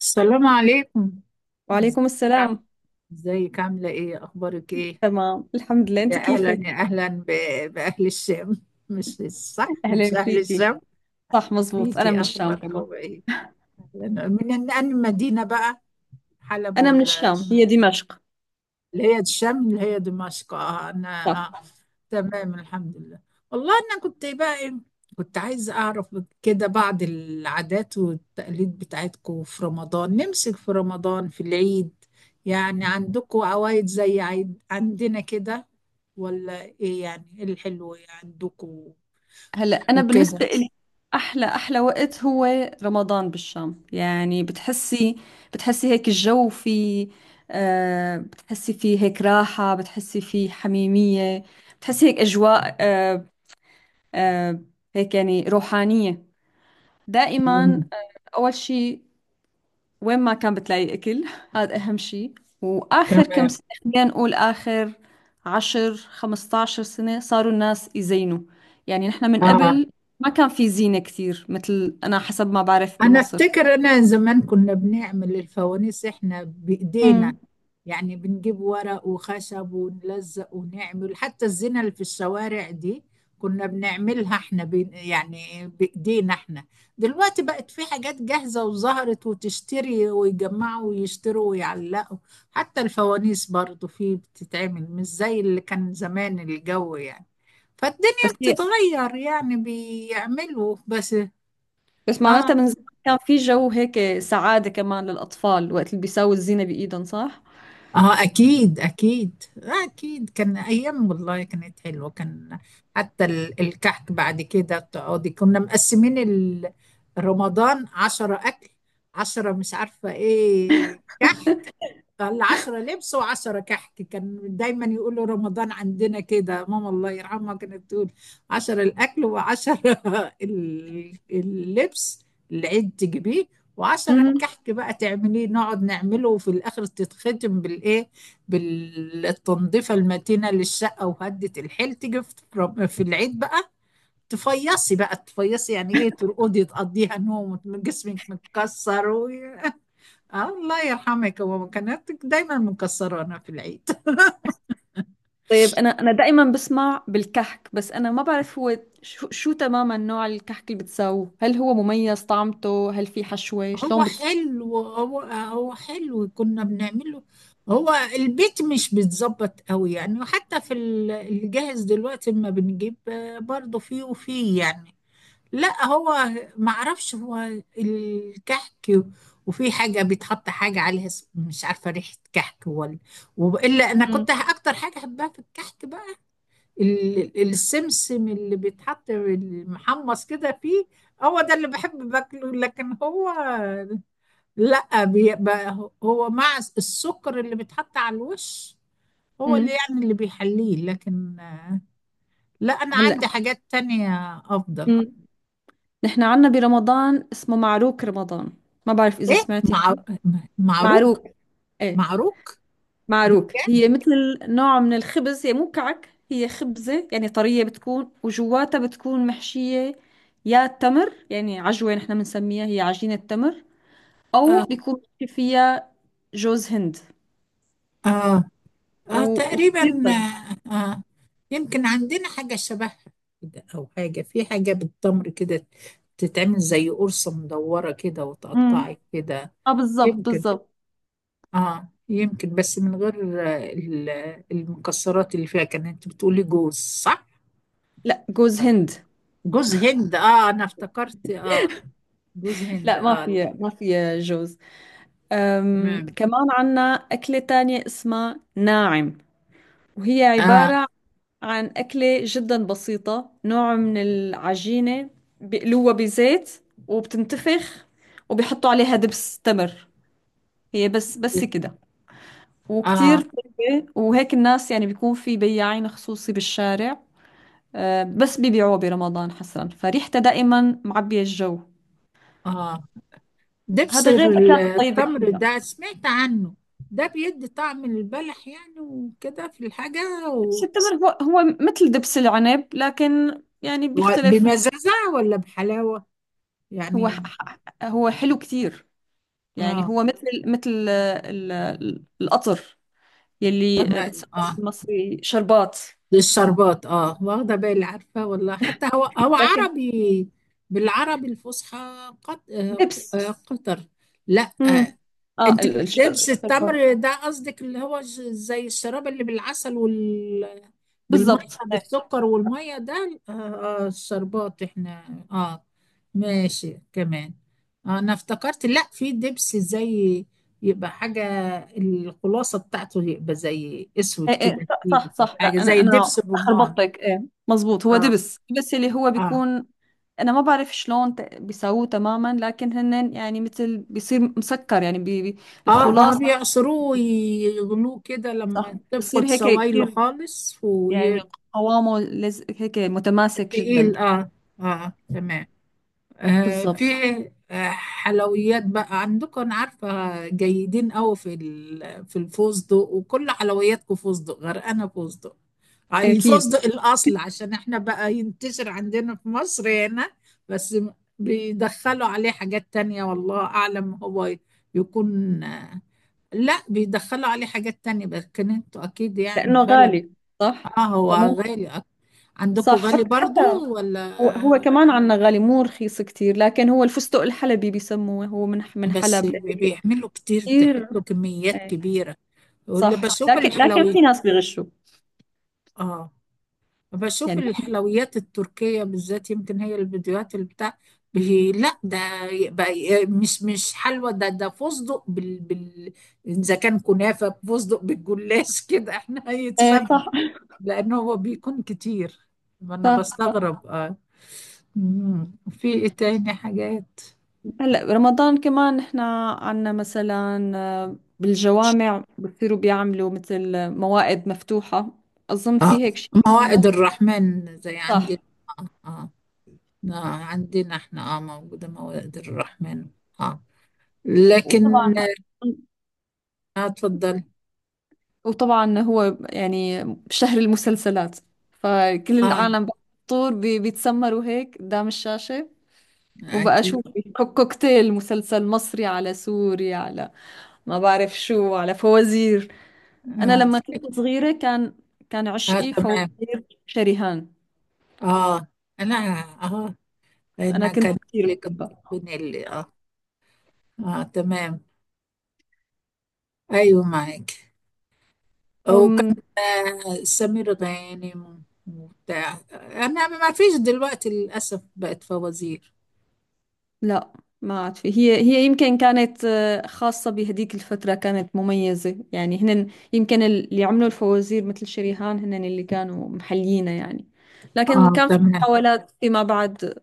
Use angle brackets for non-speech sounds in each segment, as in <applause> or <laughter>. السلام عليكم. ازيك؟ وعليكم عام- السلام. ازيك؟ عاملة ايه؟ اخبارك ايه؟ تمام، الحمد لله. يا انت اهلا، كيفك؟ يا اهلا باهل الشام. مش صح، مش أهلا اهل فيكي. الشام؟ صح مزبوط، انا من فيكي الشام كمان. اخباركم ايه؟ من انهي مدينة بقى؟ حلب، انا من ولا الشام، هي دمشق. اللي هي الشام اللي هي دمشق؟ اه صح. انا. آه. تمام الحمد لله. والله انا كنت بقى كنت عايزه اعرف كده بعض العادات والتقاليد بتاعتكم في رمضان، نمسك في رمضان، في العيد. يعني عندكم عوايد زي عيد عندنا كده، ولا ايه؟ يعني ايه الحلو إيه عندكم هلا، انا وكده؟ بالنسبه لي احلى احلى وقت هو رمضان بالشام. يعني بتحسي هيك الجو في، بتحسي فيه هيك راحه، بتحسي فيه حميميه، بتحسي هيك اجواء آه هيك يعني روحانيه دائما. مم. اول شيء، وين ما كان بتلاقي أكل، هذا أهم شيء. وآخر كم تمام. سنة، خلينا نقول آخر 10 15 سنة، صاروا الناس يزينوا. يعني نحن من اه. قبل ما كان في زينة كثير، مثل أنا حسب ما بعرف انا بمصر. افتكر انا زمان كنا بنعمل الفوانيس احنا بايدينا، امم. يعني بنجيب ورق وخشب ونلزق ونعمل. حتى الزينة اللي في الشوارع دي كنا بنعملها احنا، بين يعني بإيدينا احنا. دلوقتي بقت في حاجات جاهزة وظهرت، وتشتري ويجمعوا ويشتروا ويعلقوا. حتى الفوانيس برضو في بتتعمل، مش زي اللي كان زمان الجو يعني. فالدنيا بس هي بتتغير، يعني بيعملوا بس. بس اه معناتها من زمان كان في جو هيك سعادة كمان للأطفال، وقت اللي بيساووا الزينة بإيدهم، صح؟ اه، اكيد اكيد، آه اكيد، كان ايام والله كانت حلوه. كان حتى الكحك بعد كده تقعدي. كنا مقسمين رمضان عشرة اكل، عشرة مش عارفه ايه كحك، العشرة لبس وعشرة كحك. كان دايما يقولوا رمضان عندنا كده. ماما الله يرحمها كانت تقول: عشرة الأكل وعشرة <laughs> اللبس العيد تجيبيه، وعشرة امم. الكحك بقى تعمليه، نقعد نعمله. وفي الآخر تتختم بالإيه، بالتنظيفة المتينة للشقة وهدة الحيل تيجي في في العيد بقى. تفيصي بقى، تفيصي يعني إيه، ترقدي تقضيها نوم وجسمك متكسر. آه، الله يرحمك، هو كانت دايما مكسرانا في العيد. طيب، انا دائما بسمع بالكحك. بس انا ما بعرف هو شو تماما نوع الكحك اللي بتساووه. هل هو مميز طعمته؟ هل في حشوة؟ <laughs> هو شلون بتس... حلو، هو حلو كنا بنعمله. هو البيت مش بيتظبط قوي يعني. وحتى في الجاهز دلوقتي ما بنجيب برضه فيه وفيه يعني. لا هو معرفش، هو الكحك وفي حاجة بيتحط حاجة عليها مش عارفة ريحة كحك ولا. وإلا أنا مم. كنت أكتر حاجة أحبها في الكحك السمسم اللي بيتحط المحمص كده فيه. هو ده اللي بحب باكله. لكن هو لا، بيبقى هو مع السكر اللي بيتحط على الوش هو اللي امم. يعني اللي بيحليه. لكن لا، انا هلا. عندي حاجات تانية افضل. مم. نحن عنا برمضان اسمه معروك رمضان. ما بعرف اذا ايه، سمعتي مع معروك، معروك. ايه، معروك. معروك. هي مثل نوع من الخبز، هي مو كعك، هي خبزة يعني طرية بتكون، وجواتها بتكون محشية يا تمر، يعني عجوة نحن بنسميها، هي عجينة تمر، او بيبقى بيكون ماشي فيها جوز هند. آه. اه وكثير تقريبا، طيب. آه آه، يمكن عندنا حاجة شبهها كده، أو حاجة في حاجة بالتمر كده تتعمل زي قرصة مدورة كده امم. وتقطعي كده. اه، بالضبط يمكن. بالضبط. اه يمكن بس من غير المكسرات اللي فيها. كان انت بتقولي جوز، صح؟ لا، جوز آه. هند. جوز هند، اه انا افتكرت. اه جوز هند، لا، اه لا. ما فيها جوز. تمام. كمان عنا أكلة تانية اسمها ناعم، وهي اه عبارة عن أكلة جدا بسيطة، نوع من العجينة، بيقلوها بزيت وبتنتفخ، وبيحطوا عليها دبس تمر. هي بس كده، وكتير اه طيبة. وهيك الناس يعني بيكون في بياعين خصوصي بالشارع، بس بيبيعوه برمضان حصرا، فريحته دائما معبية الجو. اه. دبس هذا غير الأكلات الطيبة التمر فيها. ده سمعت عنه. ده بيدي طعم البلح يعني وكده في الحاجة بس التمر هو مثل دبس العنب، لكن يعني بيختلف. بمزازة ولا بحلاوة هو يعني؟ حلو كتير. يعني اه هو مثل القطر، يلي تمام. بتسموه اه، بالمصري شربات. للشربات، اه، واخدة بالي، عارفة والله حتى هو هو لكن عربي بالعربي الفصحى. قط... آه، دبس. قطر. لا امم. آه، اه، انت الدبس الشربات. التمر ده قصدك اللي هو زي الشراب اللي بالعسل وال بالميه بالضبط. ايه بالسكر والميه ده؟ اه. آه، الشربات احنا، اه، ماشي كمان. آه، انا افتكرت لا، في دبس زي، يبقى حاجة الخلاصة بتاعته، يبقى زي اسود ايه كده إيه، صح تقيل، صح او صح. حاجة لا، انا زي دبس الرمان. خربطتك. ايه، مزبوط. هو دبس اللي هو اه بيكون. انا ما بعرف شلون بيسووه تماما، لكن هن يعني مثل بيصير مسكر يعني بي بي اه اه، الخلاص. بيعصروه ويغلوه كده صح، لما بيصير تفقد هيك سوائله كثير خالص يعني، وتقيل. قوامه لز هيك متماسك جدا. اه، اه تمام. آه، في بالضبط. آه، حلويات بقى عندكم. انا عارفه جيدين قوي في في الفستق، وكل حلوياتكم فستق، غرقانه فستق. آه، اكيد، الفستق الاصل عشان احنا بقى ينتشر عندنا في مصر هنا بس بيدخلوا عليه حاجات تانية والله اعلم، هو يكون آه، لا بيدخلوا عليه حاجات تانية، بس كان انتوا اكيد يعني لانه بلد. غالي. صح. اه هو فمو غالي. عندكم صح. غالي حتى برضو ولا؟ هو كمان عنا غالي، مو رخيص كتير. لكن هو الفستق الحلبي بيسموه، هو من بس حلب لهيك. بيعملوا كتير كتير، تحطوا كميات إيه. كبيرة، ولا صح، بشوف لكن الحلويات. في ناس بيغشوا اه، بشوف يعني. الحلويات التركية بالذات، يمكن هي الفيديوهات اللي بتاع لا ده بقى مش مش حلوى، ده ده فستق إذا كان كنافة فستق بالجلاش كده <laughs> احنا ايه، هيتسبب، صح لأن هو بيكون كتير. أنا صح صح. بستغرب. اه. مم. في إيه تاني حاجات؟ هلا، رمضان كمان احنا عنا مثلا بالجوامع بصيروا بيعملوا مثل موائد مفتوحة. أظن اه، في هيك شيء كمان موائد مصر. الرحمن زي صح. عندي. اه آه. آه، عندنا احنا اه موجودة مواد الرحمن. اه لكن، وطبعا اه اتفضل. هو يعني شهر المسلسلات، فكل اه العالم بفطور بيتسمروا هيك قدام الشاشة. وبقى شو اكيد. في كوكتيل، مسلسل مصري على سوري على، ما بعرف شو، على فوازير. أنا اه. لما كنت صغيرة كان آه عشقي تمام. فوازير شريهان. اه انا، اه انا انا كان. كنت كتير لك، بحبها. بنيلي، اه. اه تمام. ايوه معاك. وكان أم آه سمير غانم وبتاع. انا ما فيش دلوقتي للاسف بقت فوازير. لا، ما عاد في. هي يمكن كانت خاصة بهديك الفترة كانت مميزة يعني. هن يمكن اللي عملوا الفوازير مثل شريهان، هن اللي كانوا محليينها يعني. لكن اه كان في تمام. محاولات فيما بعد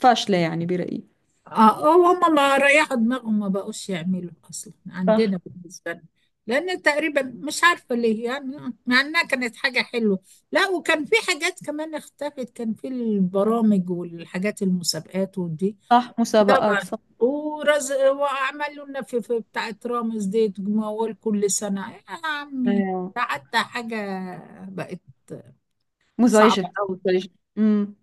فاشلة يعني، برأيي. اه آه، هم ما ريحوا دماغهم، ما بقوش يعملوا اصلا صح عندنا بالنسبه لنا، لان تقريبا مش عارفه ليه يعني، مع انها كانت حاجه حلوه. لا، وكان في حاجات كمان اختفت، كان في البرامج والحاجات المسابقات ودي. صح، مسابقات، طبعا. صح. ورز، وعملوا لنا في بتاعه رامز دي تجمعوا كل سنه يا عمي. ايوه. ده حتى حاجه بقت صعبه مزعجة. قوي. ليش؟ امم.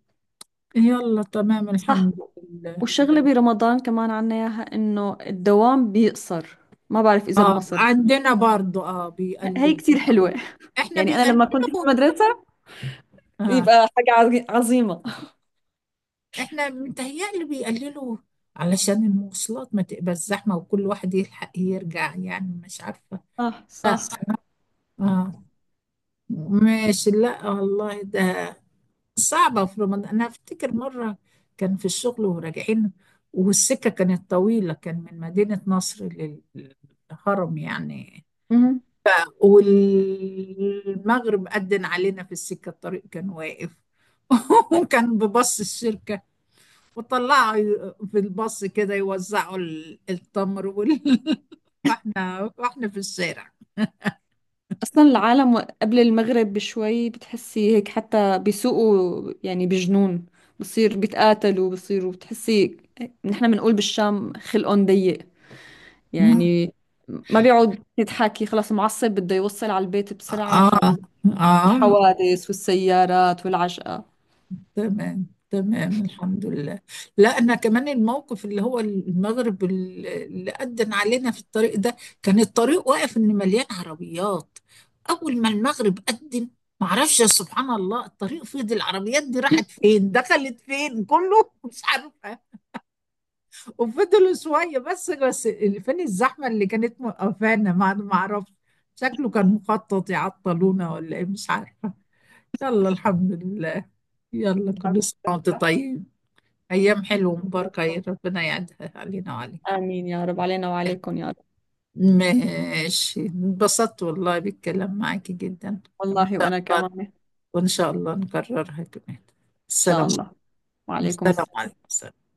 يلا تمام صح. الحمد لله. والشغلة برمضان كمان عنا إياها، إنه الدوام بيقصر. ما بعرف إذا اه بمصر. عندنا برضو اه هي بيقلل، كتير حلوة احنا يعني. أنا لما كنت في بيقللوا. المدرسة اه يبقى حاجة عظيمة. احنا متهيألي بيقللوا علشان المواصلات ما تبقى الزحمة وكل واحد يلحق يرجع، يعني مش عارفة. صح لا صح. صح. اه ماشي. لا والله ده صعبة في رمضان. انا افتكر مرة كان في الشغل وراجعين، والسكة كانت طويلة، كان من مدينة نصر للهرم يعني. مهم. والمغرب أذن علينا في السكة، الطريق كان واقف. <laughs> وكان ببص الشركة وطلعوا في الباص كده يوزعوا التمر <laughs> واحنا في الشارع. اصلا العالم قبل المغرب بشوي بتحسي هيك، حتى بيسوقوا يعني بجنون. بصير بيتقاتلوا بصيروا بتحسي، نحن بنقول بالشام خلقهم ضيق يعني، ما بيقعد يتحكي، خلاص معصب بده يوصل على البيت بسرعة. اه اه، فالحوادث والسيارات والعجقة. تمام تمام الحمد لله. لا انا كمان الموقف اللي هو المغرب اللي أذن علينا في الطريق ده، كان الطريق واقف ان مليان عربيات. اول ما المغرب أذن، معرفش يا سبحان الله الطريق فضي، العربيات دي راحت فين، دخلت فين، كله مش عارفه. وفضلوا شوية، بس اللي فين الزحمة اللي كانت موقفانا ما أعرفش، شكله كان مخطط يعطلونا ولا إيه، مش عارفة. يلا الحمد لله. يلا كل <laughs> سنة وأنت طيب. أيام حلوة مباركة، يا ربنا يعدها علينا وعليك. آمين يا رب، علينا وعليكم يا رب. ماشي، انبسطت والله بالكلام معاكي جدا. وإن والله شاء وأنا الله، كمان إن وإن شاء الله نكررها كمان. شاء السلام، الله. وعليكم السلام السلام. عليكم.